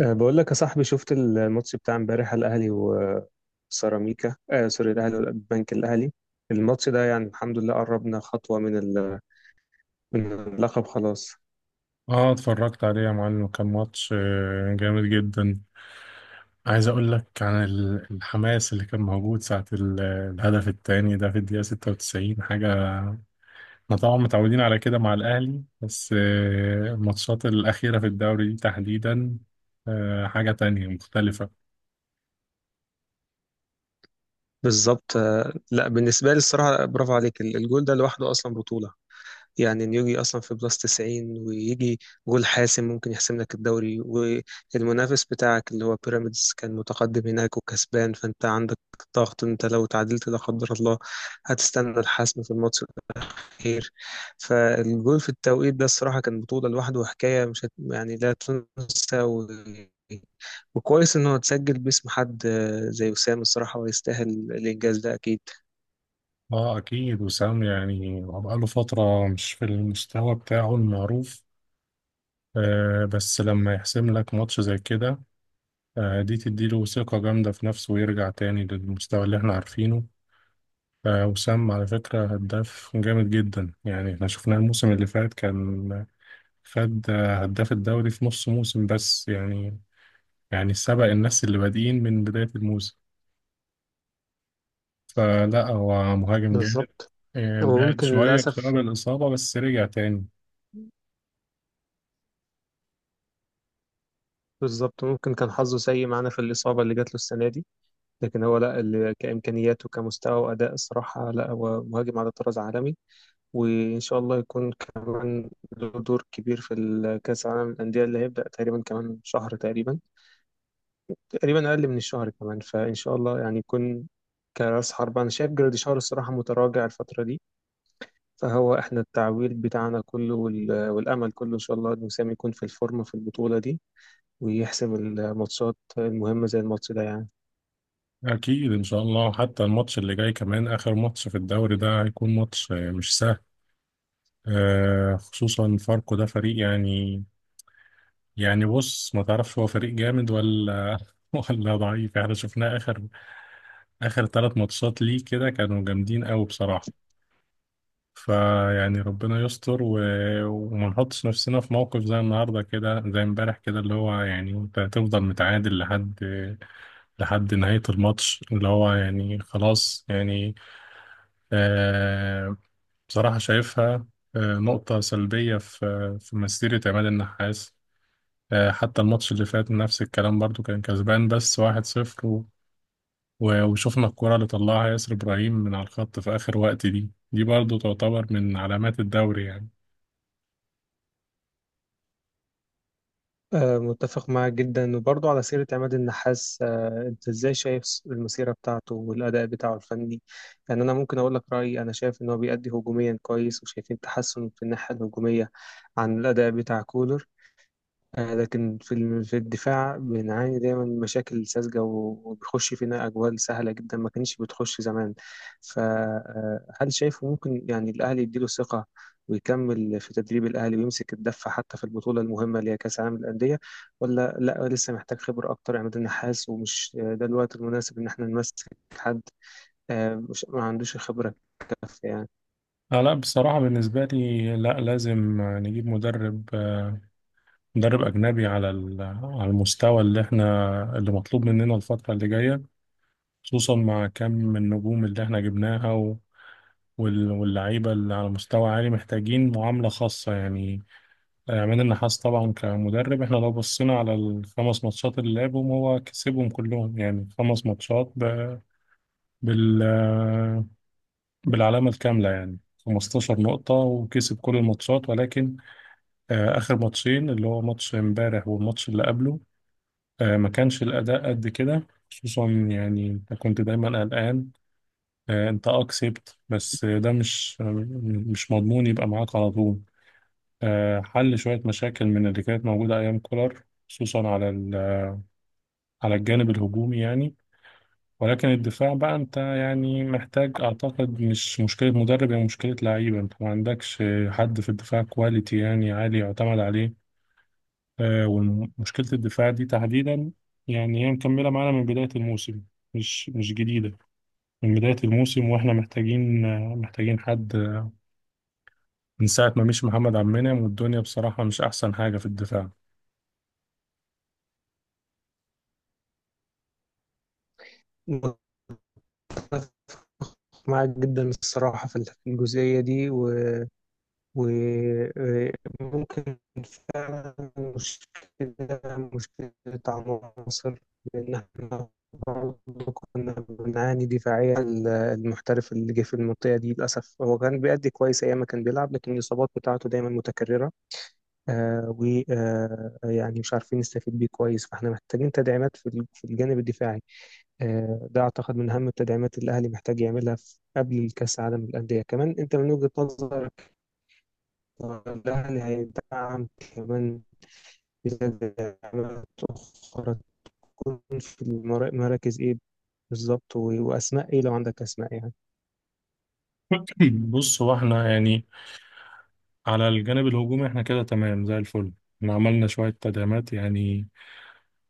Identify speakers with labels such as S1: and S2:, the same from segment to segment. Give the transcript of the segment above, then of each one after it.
S1: بقول لك يا صاحبي، شفت الماتش بتاع امبارح؟ الاهلي وسيراميكا، سوري، الاهلي والبنك الاهلي. الماتش ده يعني الحمد لله قربنا خطوه من من اللقب خلاص.
S2: اه، اتفرجت عليه يا معلم. كان ماتش جامد جدا. عايز اقول لك عن الحماس اللي كان موجود ساعة الهدف التاني ده في الدقيقة 96 حاجة. احنا طبعا متعودين على كده مع الاهلي، بس الماتشات الاخيرة في الدوري دي تحديدا حاجة تانية مختلفة.
S1: بالظبط. لا بالنسبه لي الصراحه برافو عليك، الجول ده لوحده اصلا بطوله. يعني انه يجي اصلا في بلس 90 ويجي جول حاسم ممكن يحسم لك الدوري، والمنافس بتاعك اللي هو بيراميدز كان متقدم هناك وكسبان، فانت عندك ضغط. انت لو تعادلت لا قدر الله هتستنى الحسم في الماتش. خير. فالجول في التوقيت ده الصراحة كان بطولة لوحده وحكاية مش هت... يعني لا تنسى وكويس إنه اتسجل باسم حد زي وسام، الصراحة ويستاهل الإنجاز ده أكيد.
S2: اه اكيد وسام، يعني هو بقاله فترة مش في المستوى بتاعه المعروف، بس لما يحسم لك ماتش زي كده، دي تديله ثقة جامدة في نفسه ويرجع تاني للمستوى اللي احنا عارفينه. وسام على فكرة هداف جامد جدا. يعني احنا شفناه الموسم اللي فات كان خد هداف الدوري في نص موسم بس، يعني يعني سبق الناس اللي بادئين من بداية الموسم. فلا، هو مهاجم جامد.
S1: بالظبط.
S2: بعد
S1: وممكن
S2: شوية بسبب
S1: للأسف،
S2: الإصابة، بس رجع تاني.
S1: بالظبط، ممكن كان حظه سيء معانا في الإصابة اللي جات له السنة دي، لكن هو لا اللي كإمكانيات وكمستوى وأداء الصراحة لا، هو مهاجم على طراز عالمي. وإن شاء الله يكون كمان له دور كبير في الكأس العالم للأندية اللي هيبدأ تقريبا كمان شهر تقريبا، تقريبا اقل من الشهر كمان. فان شاء الله يعني يكون كراس حرب. انا شايف جراديشار الصراحه متراجع الفتره دي، فهو احنا التعويل بتاعنا كله والامل كله ان شاء الله ان وسام يكون في الفورمه في البطوله دي ويحسم الماتشات المهمه زي الماتش ده يعني.
S2: أكيد إن شاء الله. حتى الماتش اللي جاي، كمان آخر ماتش في الدوري ده، هيكون ماتش مش سهل. خصوصا فاركو ده فريق، يعني يعني بص، ما تعرفش هو فريق جامد ولا ولا ضعيف. احنا شفناه اخر ثلاث ماتشات ليه كده كانوا جامدين قوي بصراحة. فيعني ربنا يستر وما نحطش نفسنا في موقف زي النهارده كده، زي امبارح كده، اللي هو يعني انت هتفضل متعادل لحد نهاية الماتش، اللي هو يعني خلاص يعني آه... بصراحة شايفها نقطة سلبية في مسيرة عماد النحاس. حتى الماتش اللي فات نفس الكلام برضو، كان كسبان بس واحد صفر، وشوفنا الكرة اللي طلعها ياسر إبراهيم من على الخط في آخر وقت دي دي برضو تعتبر من علامات الدوري يعني.
S1: متفق معاك جدا. وبرضه على سيره عماد النحاس، انت ازاي شايف المسيره بتاعته والاداء بتاعه الفني؟ يعني انا ممكن اقول لك رايي، انا شايف ان هو بيأدي هجوميا كويس وشايفين تحسن في الناحيه الهجوميه عن الاداء بتاع كولر. لكن في في الدفاع بنعاني دايما من مشاكل ساذجة وبيخش فينا أجوال سهلة جدا ما كانتش بتخش زمان. فهل شايفه ممكن يعني الأهلي يديله ثقة ويكمل في تدريب الأهلي ويمسك الدفة حتى في البطولة المهمة اللي هي كأس العالم للأندية؟ ولا لا، لسه محتاج خبرة أكتر عماد النحاس ومش ده الوقت المناسب إن احنا نمسك حد؟ مش ما عندوش خبرة كافية يعني.
S2: آه لا بصراحة، بالنسبة لي لا، لازم نجيب مدرب، مدرب أجنبي على على المستوى اللي احنا، اللي مطلوب مننا الفترة اللي جاية، خصوصا مع كم من النجوم اللي احنا جبناها واللعيبة اللي على مستوى عالي محتاجين معاملة خاصة يعني. من النحاس طبعا كمدرب، احنا لو بصنا على الخمس ماتشات اللي يابهم هو كسبهم كلهم، يعني خمس ماتشات بال... بالعلامة الكاملة يعني، خمس تاشر مقطة وكسب كل الماتشات. ولكن اخر ماتشين، اللي هو ماتش مبارح والماتش اللي قبله، ما كانش الاداء قد كده. خصوصا يعني انت كنت دايما الان انت اكسبت، بس ده مش مضمون يبقى معاك على طول. حل شوية مشاكل من اللي كانت موجودة ايام كولار، خصوصا على على الجانب الهجومي يعني. ولكن الدفاع بقى، انت يعني محتاج، اعتقد مش مشكلة مدرب، هي مشكلة لعيبة. انت ما عندكش حد في الدفاع كواليتي يعني عالي يعتمد عليه. ومشكلة الدفاع دي تحديدا يعني هي مكملة معانا من بداية الموسم. مش جديدة، من بداية الموسم واحنا محتاجين، محتاجين حد. من ساعة ما مشي محمد عبد المنعم والدنيا بصراحة مش أحسن حاجة في الدفاع.
S1: معاك جدا الصراحة في الجزئية دي. وممكن فعلا مشكلة، مشكلة عناصر، لأن احنا برضه كنا بنعاني دفاعيا. المحترف اللي جه في المنطقة دي للأسف هو كان بيأدي كويس أيام ما كان بيلعب، لكن الإصابات بتاعته دايما متكررة. آه ويعني مش عارفين نستفيد بيه كويس، فاحنا محتاجين تدعيمات في في الجانب الدفاعي. ده أعتقد من أهم التدعيمات اللي الأهلي محتاج يعملها في قبل الكأس العالم للأندية. كمان أنت من وجهة نظرك ولها نهاية دعم كمان، تدعيمات أخرى تكون في مراكز إيه بالظبط؟ وأسماء إيه لو عندك أسماء يعني.
S2: بص، هو احنا يعني على الجانب الهجومي احنا كده تمام زي الفل. احنا عملنا شوية تدعيمات، يعني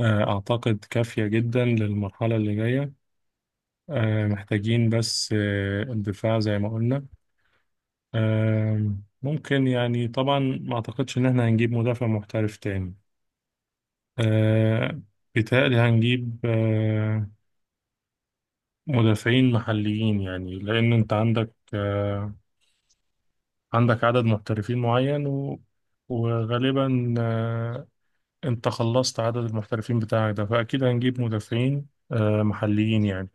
S2: أعتقد كافية جدا للمرحلة اللي جاية. محتاجين بس الدفاع زي ما قلنا. آه، ممكن يعني، طبعا ما أعتقدش إن احنا هنجيب مدافع محترف تاني. آه، بيتهيألي هنجيب مدافعين محليين، يعني لأن أنت عندك عندك عدد محترفين معين، وغالبا انت خلصت عدد المحترفين بتاعك ده، فاكيد هنجيب مدافعين محليين يعني.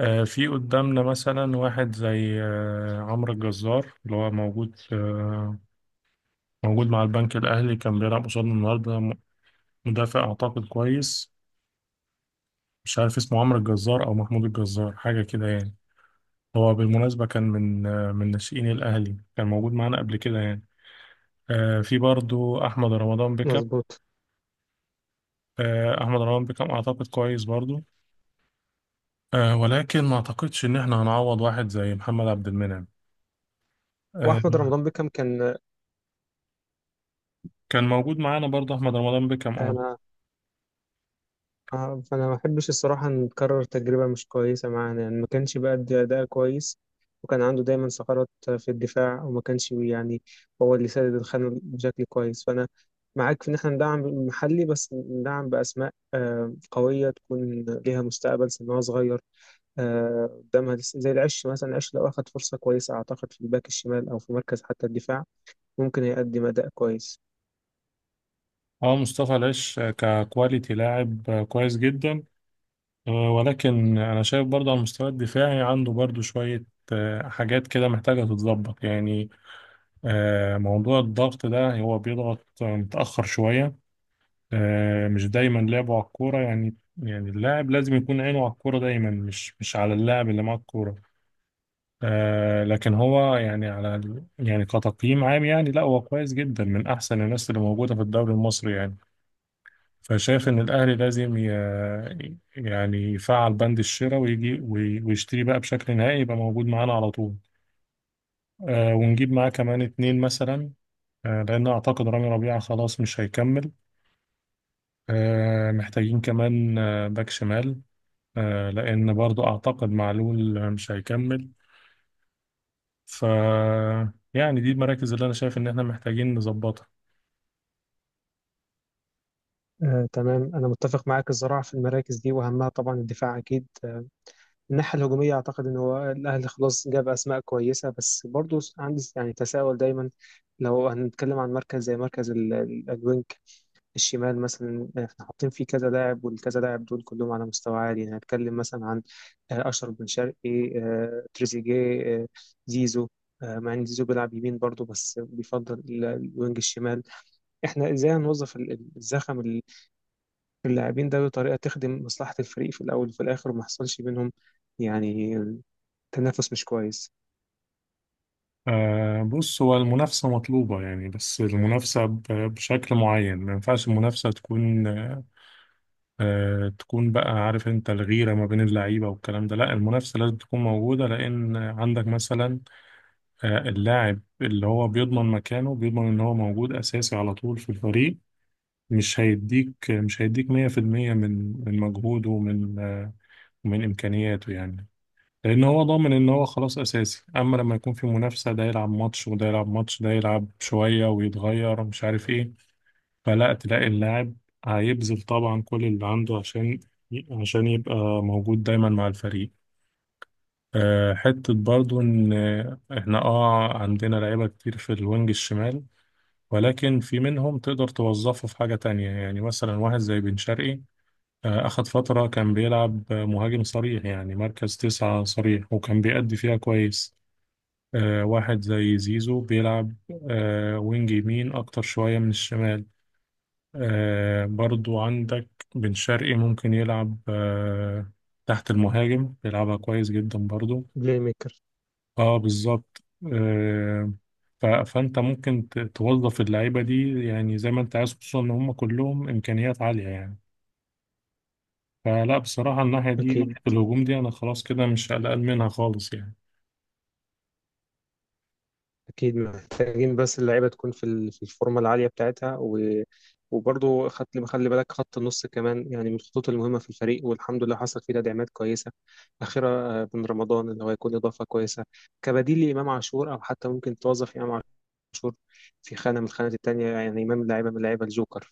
S2: في قدامنا مثلا واحد زي عمرو الجزار، اللي هو موجود موجود مع البنك الاهلي، كان بيلعب قصادنا النهارده. مدافع اعتقد كويس. مش عارف اسمه عمرو الجزار او محمود الجزار، حاجه كده يعني. هو بالمناسبه كان من من ناشئين الاهلي، كان موجود معانا قبل كده يعني. في برضو احمد رمضان بكم.
S1: مظبوط.
S2: احمد رمضان بكم اعتقد كويس برضو. ولكن ما اعتقدش ان احنا هنعوض واحد زي محمد عبد المنعم. آه،
S1: وأحمد رمضان بيكهام كان.
S2: كان موجود معانا برضه احمد رمضان بكام، اه.
S1: أنا فانا ما بحبش الصراحه نكرر تجربه مش كويسه معانا، يعني ما كانش بيأدي اداء كويس وكان عنده دايما ثغرات في الدفاع، وما كانش هو اللي سدد الخانه بشكل كويس. فانا معاك في ان احنا ندعم المحلي، بس ندعم باسماء قويه تكون ليها مستقبل، سنها صغير آه، قدامها لسه، زي العش مثلا. العش لو اخد فرصه كويسه اعتقد في الباك الشمال او في مركز حتى الدفاع ممكن يقدم اداء كويس.
S2: اه مصطفى العش ككواليتي لاعب كويس جدا. ولكن انا شايف برضه على المستوى الدفاعي عنده برضه شوية حاجات كده محتاجة تتظبط يعني. موضوع الضغط ده، هو بيضغط متأخر شوية. مش دايما لعبه على الكورة يعني. يعني اللاعب لازم يكون عينه على الكورة دايما، مش على اللاعب اللي معاه الكورة. لكن هو يعني على يعني كتقييم عام، يعني لا هو كويس جدا من احسن الناس اللي موجوده في الدوري المصري يعني. فشايف ان الاهلي لازم يعني يفعل بند الشراء ويجي ويشتري بقى بشكل نهائي، يبقى موجود معانا على طول. ونجيب معاه كمان اتنين مثلا، لان اعتقد رامي ربيعه خلاص مش هيكمل. محتاجين كمان باك شمال، لان برضو اعتقد معلول مش هيكمل. ف يعني دي المراكز اللي انا شايف ان احنا محتاجين نظبطها.
S1: تمام، أنا متفق معاك الصراحة في المراكز دي، وأهمها طبعا الدفاع أكيد. الناحية الهجومية أعتقد إن هو الأهلي خلاص جاب أسماء كويسة، بس برضو عندي يعني تساؤل دايما. لو هنتكلم عن مركز زي مركز الوينج الشمال مثلا، احنا حاطين فيه كذا لاعب، والكذا لاعب دول كلهم على مستوى عالي. يعني هتكلم مثلا عن أشرف بن شرقي، تريزيجيه، زيزو، مع إن زيزو بيلعب يمين برضو بس بيفضل الوينج الشمال. احنا إزاي هنوظف الزخم اللاعبين ده بطريقة تخدم مصلحة الفريق في الأول وفي الآخر، وما حصلش بينهم يعني تنافس مش كويس؟
S2: بص، هو المنافسة مطلوبة يعني، بس المنافسة بشكل معين. ما ينفعش المنافسة تكون تكون بقى، عارف انت، الغيرة ما بين اللعيبة والكلام ده. لا، المنافسة لازم تكون موجودة، لأن عندك مثلا اللاعب اللي هو بيضمن مكانه، بيضمن ان هو موجود أساسي على طول في الفريق، مش هيديك 100% من مجهوده، ومن ومن إمكانياته يعني. لأن هو ضامن إن هو خلاص أساسي. أما لما يكون في منافسة، ده يلعب ماتش وده يلعب ماتش، ده يلعب شوية ويتغير مش عارف إيه، فلا، تلاقي اللاعب هيبذل طبعا كل اللي عنده عشان يبقى موجود دايما مع الفريق. حتة برضو إن إحنا عندنا لعيبة كتير في الوينج الشمال، ولكن في منهم تقدر توظفه في حاجة تانية. يعني مثلا واحد زي بن شرقي، أخد فترة كان بيلعب مهاجم صريح، يعني مركز تسعة صريح، وكان بيأدي فيها كويس. واحد زي زيزو بيلعب وينج يمين أكتر شوية من الشمال. برضو عندك بن شرقي ممكن يلعب تحت المهاجم، بيلعبها كويس جدا برضو.
S1: بلاي ميكر.
S2: اه بالظبط. آه فأنت ممكن توظف اللعيبة دي يعني زي ما أنت عايز، خصوصا إن هم كلهم إمكانيات عالية يعني. فلا بصراحة الناحية دي،
S1: أكيد.
S2: ناحية الهجوم دي، أنا خلاص كده مش قلقان منها خالص يعني.
S1: أكيد محتاجين بس اللعيبة تكون في في الفورمة العالية بتاعتها. وبرضه خدت خلي بالك خط النص كمان، يعني من الخطوط المهمة في الفريق، والحمد لله حصل فيه تدعيمات كويسة أخيرا. بن رمضان اللي هو يكون إضافة كويسة كبديل لإمام عاشور، أو حتى ممكن توظف إمام عاشور في خانة من الخانات التانية، يعني إمام لاعبة من لاعيبة الجوكر.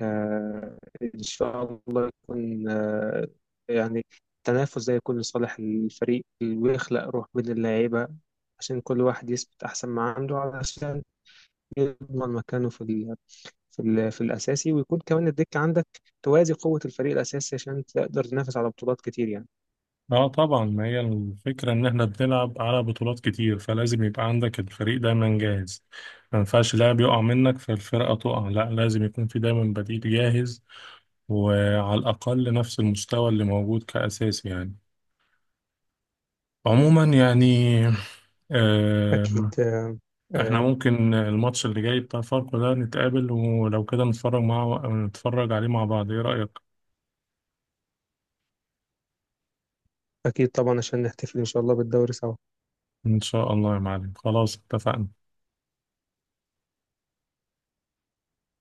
S1: آه، إن شاء الله يكون يعني التنافس ده يكون لصالح الفريق، ويخلق روح بين اللعيبة عشان كل واحد يثبت أحسن ما عنده، علشان يضمن مكانه في ال في ال في الأساسي، ويكون كمان الدكة عندك توازي قوة الفريق الأساسي عشان تقدر تنافس على بطولات كتير يعني.
S2: اه طبعا، ما هي الفكرة ان احنا بنلعب على بطولات كتير، فلازم يبقى عندك الفريق دايما جاهز. ما ينفعش لاعب يقع منك فالفرقة تقع، لا، لازم يكون في دايما بديل جاهز، وعلى الأقل نفس المستوى اللي موجود كأساسي يعني. عموما يعني آه
S1: أكيد.
S2: احنا
S1: آه،
S2: ممكن الماتش اللي جاي بتاع فاركو ده نتقابل ولو كده نتفرج مع، نتفرج عليه مع بعض، ايه رأيك؟
S1: أكيد طبعا عشان نحتفل إن شاء الله بالدوري سوا.
S2: ان شاء الله يا معلم، خلاص اتفقنا.